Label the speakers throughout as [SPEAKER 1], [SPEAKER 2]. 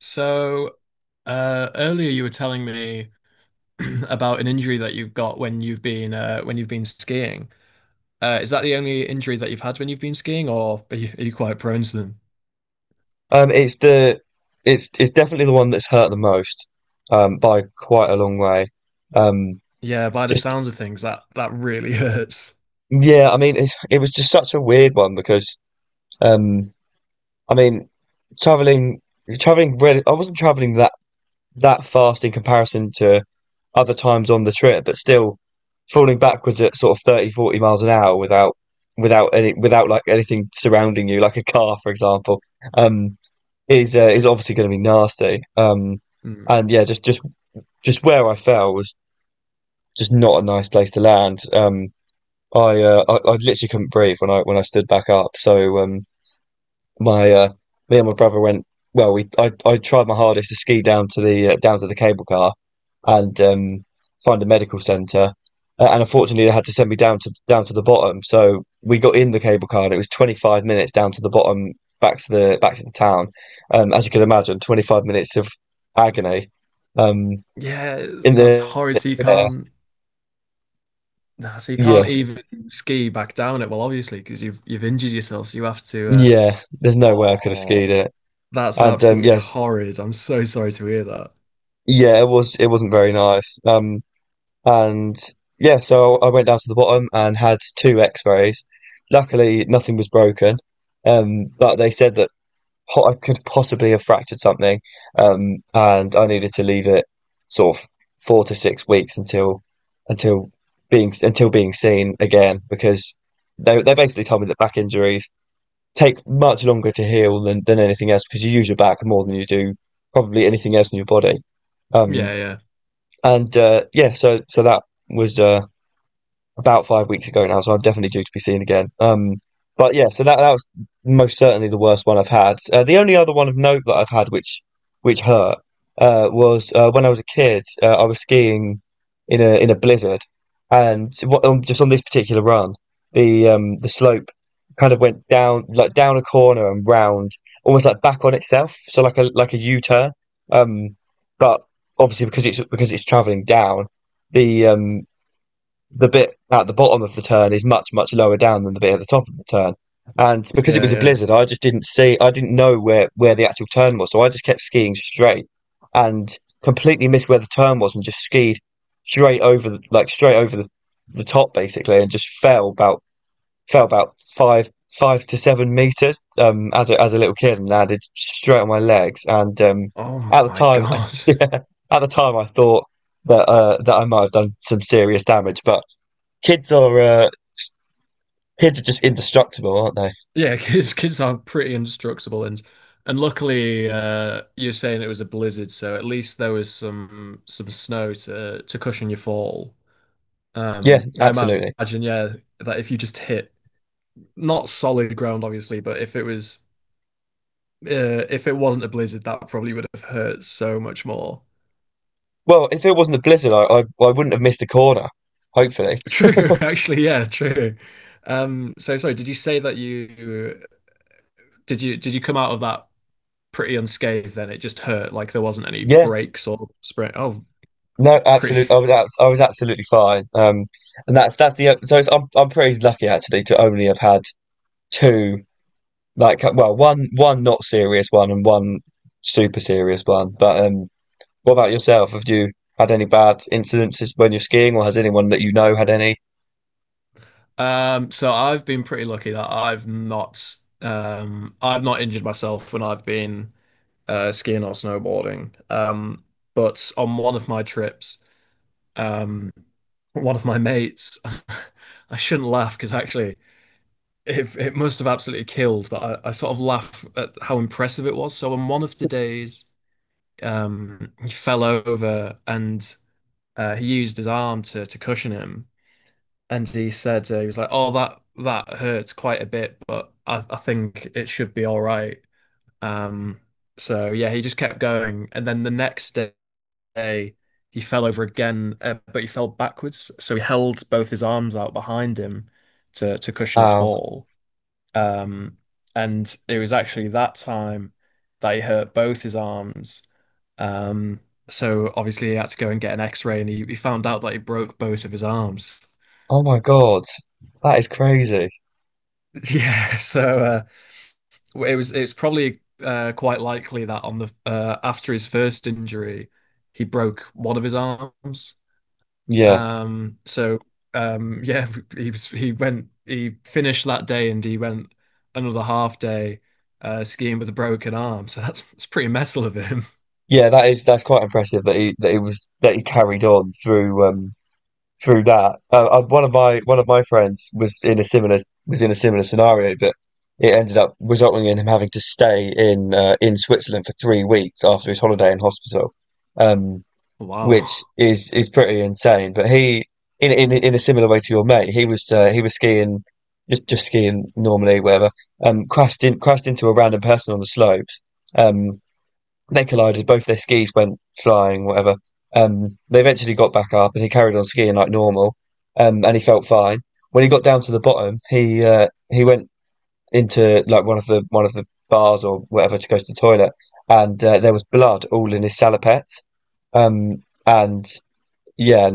[SPEAKER 1] So, earlier you were telling me about an injury that you've got when you've been skiing. Is that the only injury that you've had when you've been skiing, or are you quite prone to them?
[SPEAKER 2] Um, it's the it's definitely the one that's hurt the most, by quite a long way. Um,
[SPEAKER 1] Yeah, by the
[SPEAKER 2] just
[SPEAKER 1] sounds of things, that really hurts.
[SPEAKER 2] yeah, I mean it was just such a weird one because um, I mean traveling traveling really I wasn't traveling that fast in comparison to other times on the trip, but still falling backwards at sort of 30 40 miles an hour without without any without like anything surrounding you, like a car, for example. Um, is obviously going to be nasty. Um,
[SPEAKER 1] Mm.
[SPEAKER 2] and yeah, just where I fell was just not a nice place to land. I literally couldn't breathe when I stood back up. So my me and my brother went. Well, we I tried my hardest to ski down to the cable car and find a medical centre. And unfortunately, they had to send me down to down to the bottom. So we got in the cable car, and it was 25 minutes down to the bottom, back to the town. As you can imagine, 25 minutes of agony. Um, in
[SPEAKER 1] That's
[SPEAKER 2] the
[SPEAKER 1] horrid. So
[SPEAKER 2] in
[SPEAKER 1] you
[SPEAKER 2] the air.
[SPEAKER 1] can't, nah, so you can't
[SPEAKER 2] Yeah,
[SPEAKER 1] even ski back down it. Well, obviously, because you've injured yourself, so you have to.
[SPEAKER 2] yeah, there's no way I could have skied
[SPEAKER 1] Oh,
[SPEAKER 2] it.
[SPEAKER 1] that's
[SPEAKER 2] And um,
[SPEAKER 1] absolutely
[SPEAKER 2] yes,
[SPEAKER 1] horrid. I'm so sorry to hear that.
[SPEAKER 2] yeah, it wasn't very nice. And yeah, so I went down to the bottom and had two X-rays. Luckily, nothing was broken, but they said that po I could possibly have fractured something, and I needed to leave it sort of 4 to 6 weeks until until being seen again because they basically told me that back injuries take much longer to heal than anything else because you use your back more than you do probably anything else in your body.
[SPEAKER 1] Yeah,
[SPEAKER 2] Um,
[SPEAKER 1] yeah,
[SPEAKER 2] and yeah, so that was about 5 weeks ago now, so I'm definitely due to be seen again. But yeah, so that was most certainly the worst one I've had. The only other one of note that I've had, which hurt, was when I was a kid. I was skiing in a blizzard, and just on this particular run, the slope kind of went down like down a corner and round, almost like back on itself, so like a U turn. Um, but obviously because it's traveling down, the um the bit at the bottom of the turn is much, much lower down than the bit at the top of the turn. And because it
[SPEAKER 1] yeah,
[SPEAKER 2] was a
[SPEAKER 1] yeah.
[SPEAKER 2] blizzard, I just didn't see, I didn't know where the actual turn was. So I just kept skiing straight and completely missed where the turn was and just skied straight over, like straight over the top basically and just fell about 5 to 7 meters, as as a little kid and landed straight on my legs. And,
[SPEAKER 1] Oh
[SPEAKER 2] at the
[SPEAKER 1] my
[SPEAKER 2] time,
[SPEAKER 1] God.
[SPEAKER 2] yeah, at the time I thought that I might have done some serious damage, but Kids are uh, kids are just indestructible, aren't they?
[SPEAKER 1] Yeah, kids are pretty indestructible, and luckily you're saying it was a blizzard, so at least there was some snow to cushion your fall.
[SPEAKER 2] Yeah, absolutely.
[SPEAKER 1] Imagine, yeah, that if you just hit not solid ground obviously, but if it was if it wasn't a blizzard, that probably would have hurt so much more.
[SPEAKER 2] Well, if it wasn't a blizzard, I wouldn't have missed a corner. Hopefully.
[SPEAKER 1] True, actually, yeah, true. So sorry, did you say that you did you come out of that pretty unscathed, then it just hurt, like there wasn't any
[SPEAKER 2] Yeah,
[SPEAKER 1] breaks or sprain oh
[SPEAKER 2] no,
[SPEAKER 1] pretty
[SPEAKER 2] absolutely. I was absolutely fine. And that's the so it's, I'm pretty lucky actually to only have had two like well one not serious one and one super serious one. But what about yourself? Have you had any bad incidences when you're skiing, or has anyone that you know had any?
[SPEAKER 1] so I've been pretty lucky that I've not injured myself when I've been skiing or snowboarding, but on one of my trips, um one of my mates I shouldn't laugh, because actually it must have absolutely killed, but I sort of laugh at how impressive it was. So on one of the days, he fell over, and he used his arm to cushion him, and he said, he was like, "Oh, that hurts quite a bit, but I think it should be all right." Um, so yeah, he just kept going, and then the next day he fell over again, but he fell backwards, so he held both his arms out behind him to cushion his
[SPEAKER 2] Oh,
[SPEAKER 1] fall. Um, and it was actually that time that he hurt both his arms, um, so obviously he had to go and get an X-ray, and he found out that he broke both of his arms.
[SPEAKER 2] oh my God, that is crazy.
[SPEAKER 1] Yeah, so it was, it's probably quite likely that on the after his first injury, he broke one of his arms.
[SPEAKER 2] Yeah,
[SPEAKER 1] Um, so yeah, he was he went he finished that day, and he went another half day skiing with a broken arm. So that's it's pretty metal of him.
[SPEAKER 2] yeah, that is that's quite impressive that he was that he carried on through through that. One of my one of my friends was in a similar was in a similar scenario, but it ended up resulting in him having to stay in Switzerland for 3 weeks after his holiday in hospital, um, which
[SPEAKER 1] Wow.
[SPEAKER 2] is pretty insane. But he in a similar way to your mate, he was skiing just skiing normally, whatever. Crashed into a random person on the slopes. Um, they collided. Both their skis went flying, whatever. They eventually got back up, and he carried on skiing like normal, and he felt fine. When he got down to the bottom, he went into like one of the bars or whatever to go to the toilet, and there was blood all in his salopettes. And yeah,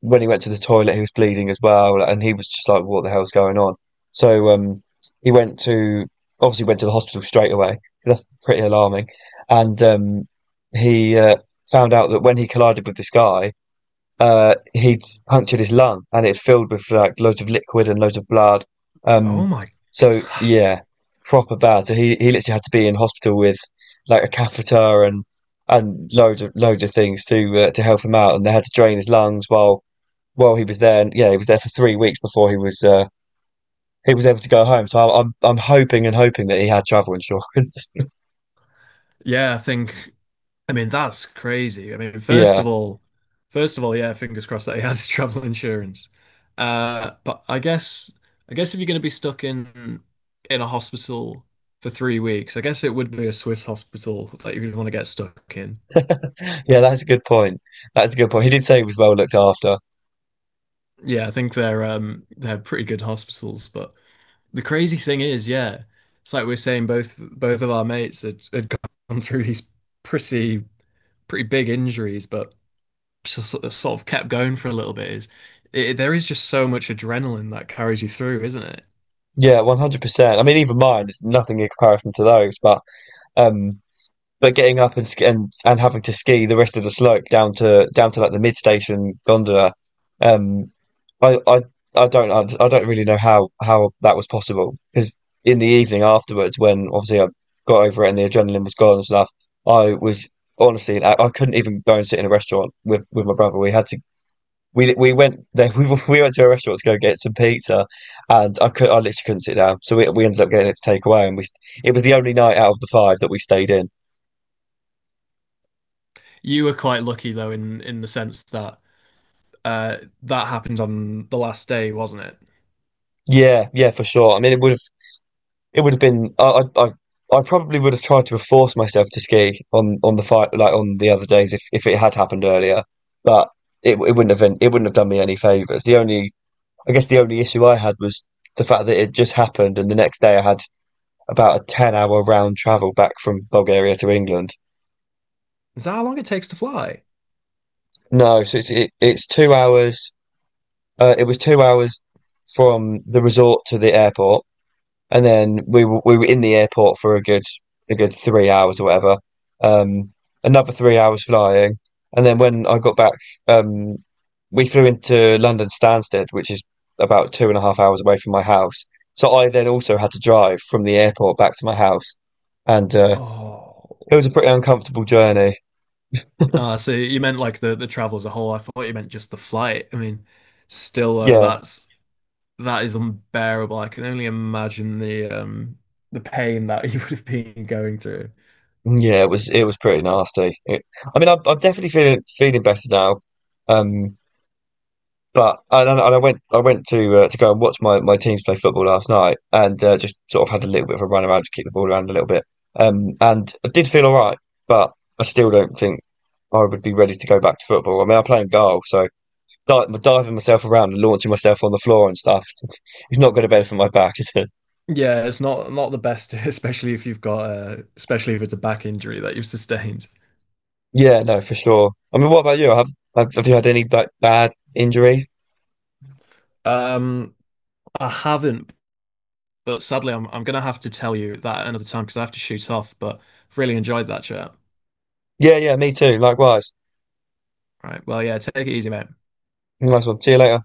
[SPEAKER 2] when he went to the toilet, he was bleeding as well, and he was just like, "What the hell's going on?" So um, he went to obviously went to the hospital straight away. That's pretty alarming, and he found out that when he collided with this guy, he'd punctured his lung, and it's filled with like loads of liquid and loads of blood.
[SPEAKER 1] Oh
[SPEAKER 2] Um,
[SPEAKER 1] my.
[SPEAKER 2] so yeah, proper bad. So he literally had to be in hospital with like a catheter and loads of things to help him out, and they had to drain his lungs while well, he was there. Yeah, he was there for 3 weeks before he was able to go home. So I'm hoping and hoping that he had travel insurance.
[SPEAKER 1] Yeah, I think, I mean, that's crazy. I mean,
[SPEAKER 2] Yeah,
[SPEAKER 1] first of all, yeah, fingers crossed that he has travel insurance. But I guess if you're going to be stuck in a hospital for 3 weeks, I guess it would be a Swiss hospital that you would want to get stuck in.
[SPEAKER 2] yeah, that's a good point. That's a good point. He did say he was well looked after.
[SPEAKER 1] Yeah, I think they're pretty good hospitals. But the crazy thing is, yeah, it's like we we're saying both of our mates had, had gone through these pretty pretty big injuries, but just sort of kept going for a little bit. Is it, there is just so much adrenaline that carries you through, isn't it?
[SPEAKER 2] Yeah, 100%. I mean, even mine is nothing in comparison to those. Um, but getting up and and having to ski the rest of the slope down to down to like the mid station gondola, um, I, I, I don't, I don't really know how that was possible because in the evening afterwards, when obviously I got over it and the adrenaline was gone and stuff, I was honestly, I couldn't even go and sit in a restaurant with my brother. We went there, we went to a restaurant to go get some pizza, and I literally couldn't sit down. So we ended up getting it to take away, it was the only night out of the five that we stayed in.
[SPEAKER 1] You were quite lucky though, in the sense that that happened on the last day, wasn't it?
[SPEAKER 2] Yeah, yeah, for sure. I mean, it would have been I probably would have tried to have forced myself to ski on the fight like on the other days if it had happened earlier, but it wouldn't have done me any favors. The only I guess the only issue I had was the fact that it just happened, and the next day I had about a 10 hour round travel back from Bulgaria to England.
[SPEAKER 1] Is that how long it takes to fly?
[SPEAKER 2] No, so it's 2 hours. It was 2 hours from the resort to the airport, and then we were in the airport for a good 3 hours or whatever. Um, another 3 hours flying, and then when I got back, um, we flew into London Stansted, which is about two and a half hours away from my house. So I then also had to drive from the airport back to my house, and it
[SPEAKER 1] Oh.
[SPEAKER 2] was a pretty uncomfortable journey.
[SPEAKER 1] Ah, so you meant like the travel as a whole. I thought you meant just the flight. I mean, still
[SPEAKER 2] Yeah,
[SPEAKER 1] that's that is unbearable. I can only imagine the pain that you would have been going through.
[SPEAKER 2] yeah, it was pretty nasty. I mean, I'm definitely feeling feeling better now. Um, and I went to go and watch my teams play football last night and just sort of had a little bit of a run around to kick the ball around a little bit. And I did feel all right, but I still don't think I would be ready to go back to football. I mean, I play in goal, so di diving myself around and launching myself on the floor and stuff is not going to benefit my back, is it?
[SPEAKER 1] Yeah, it's not not the best, especially if you've got especially if it's a back injury that you've sustained.
[SPEAKER 2] Yeah, no, for sure. I mean, what about you? Have you had any like bad injuries?
[SPEAKER 1] Um, I haven't, but sadly, I'm gonna have to tell you that another time, because I have to shoot off. But really enjoyed that chat.
[SPEAKER 2] Yeah, yeah, me too. Likewise.
[SPEAKER 1] Right. Well, yeah, take it easy, mate.
[SPEAKER 2] Nice one. See you later.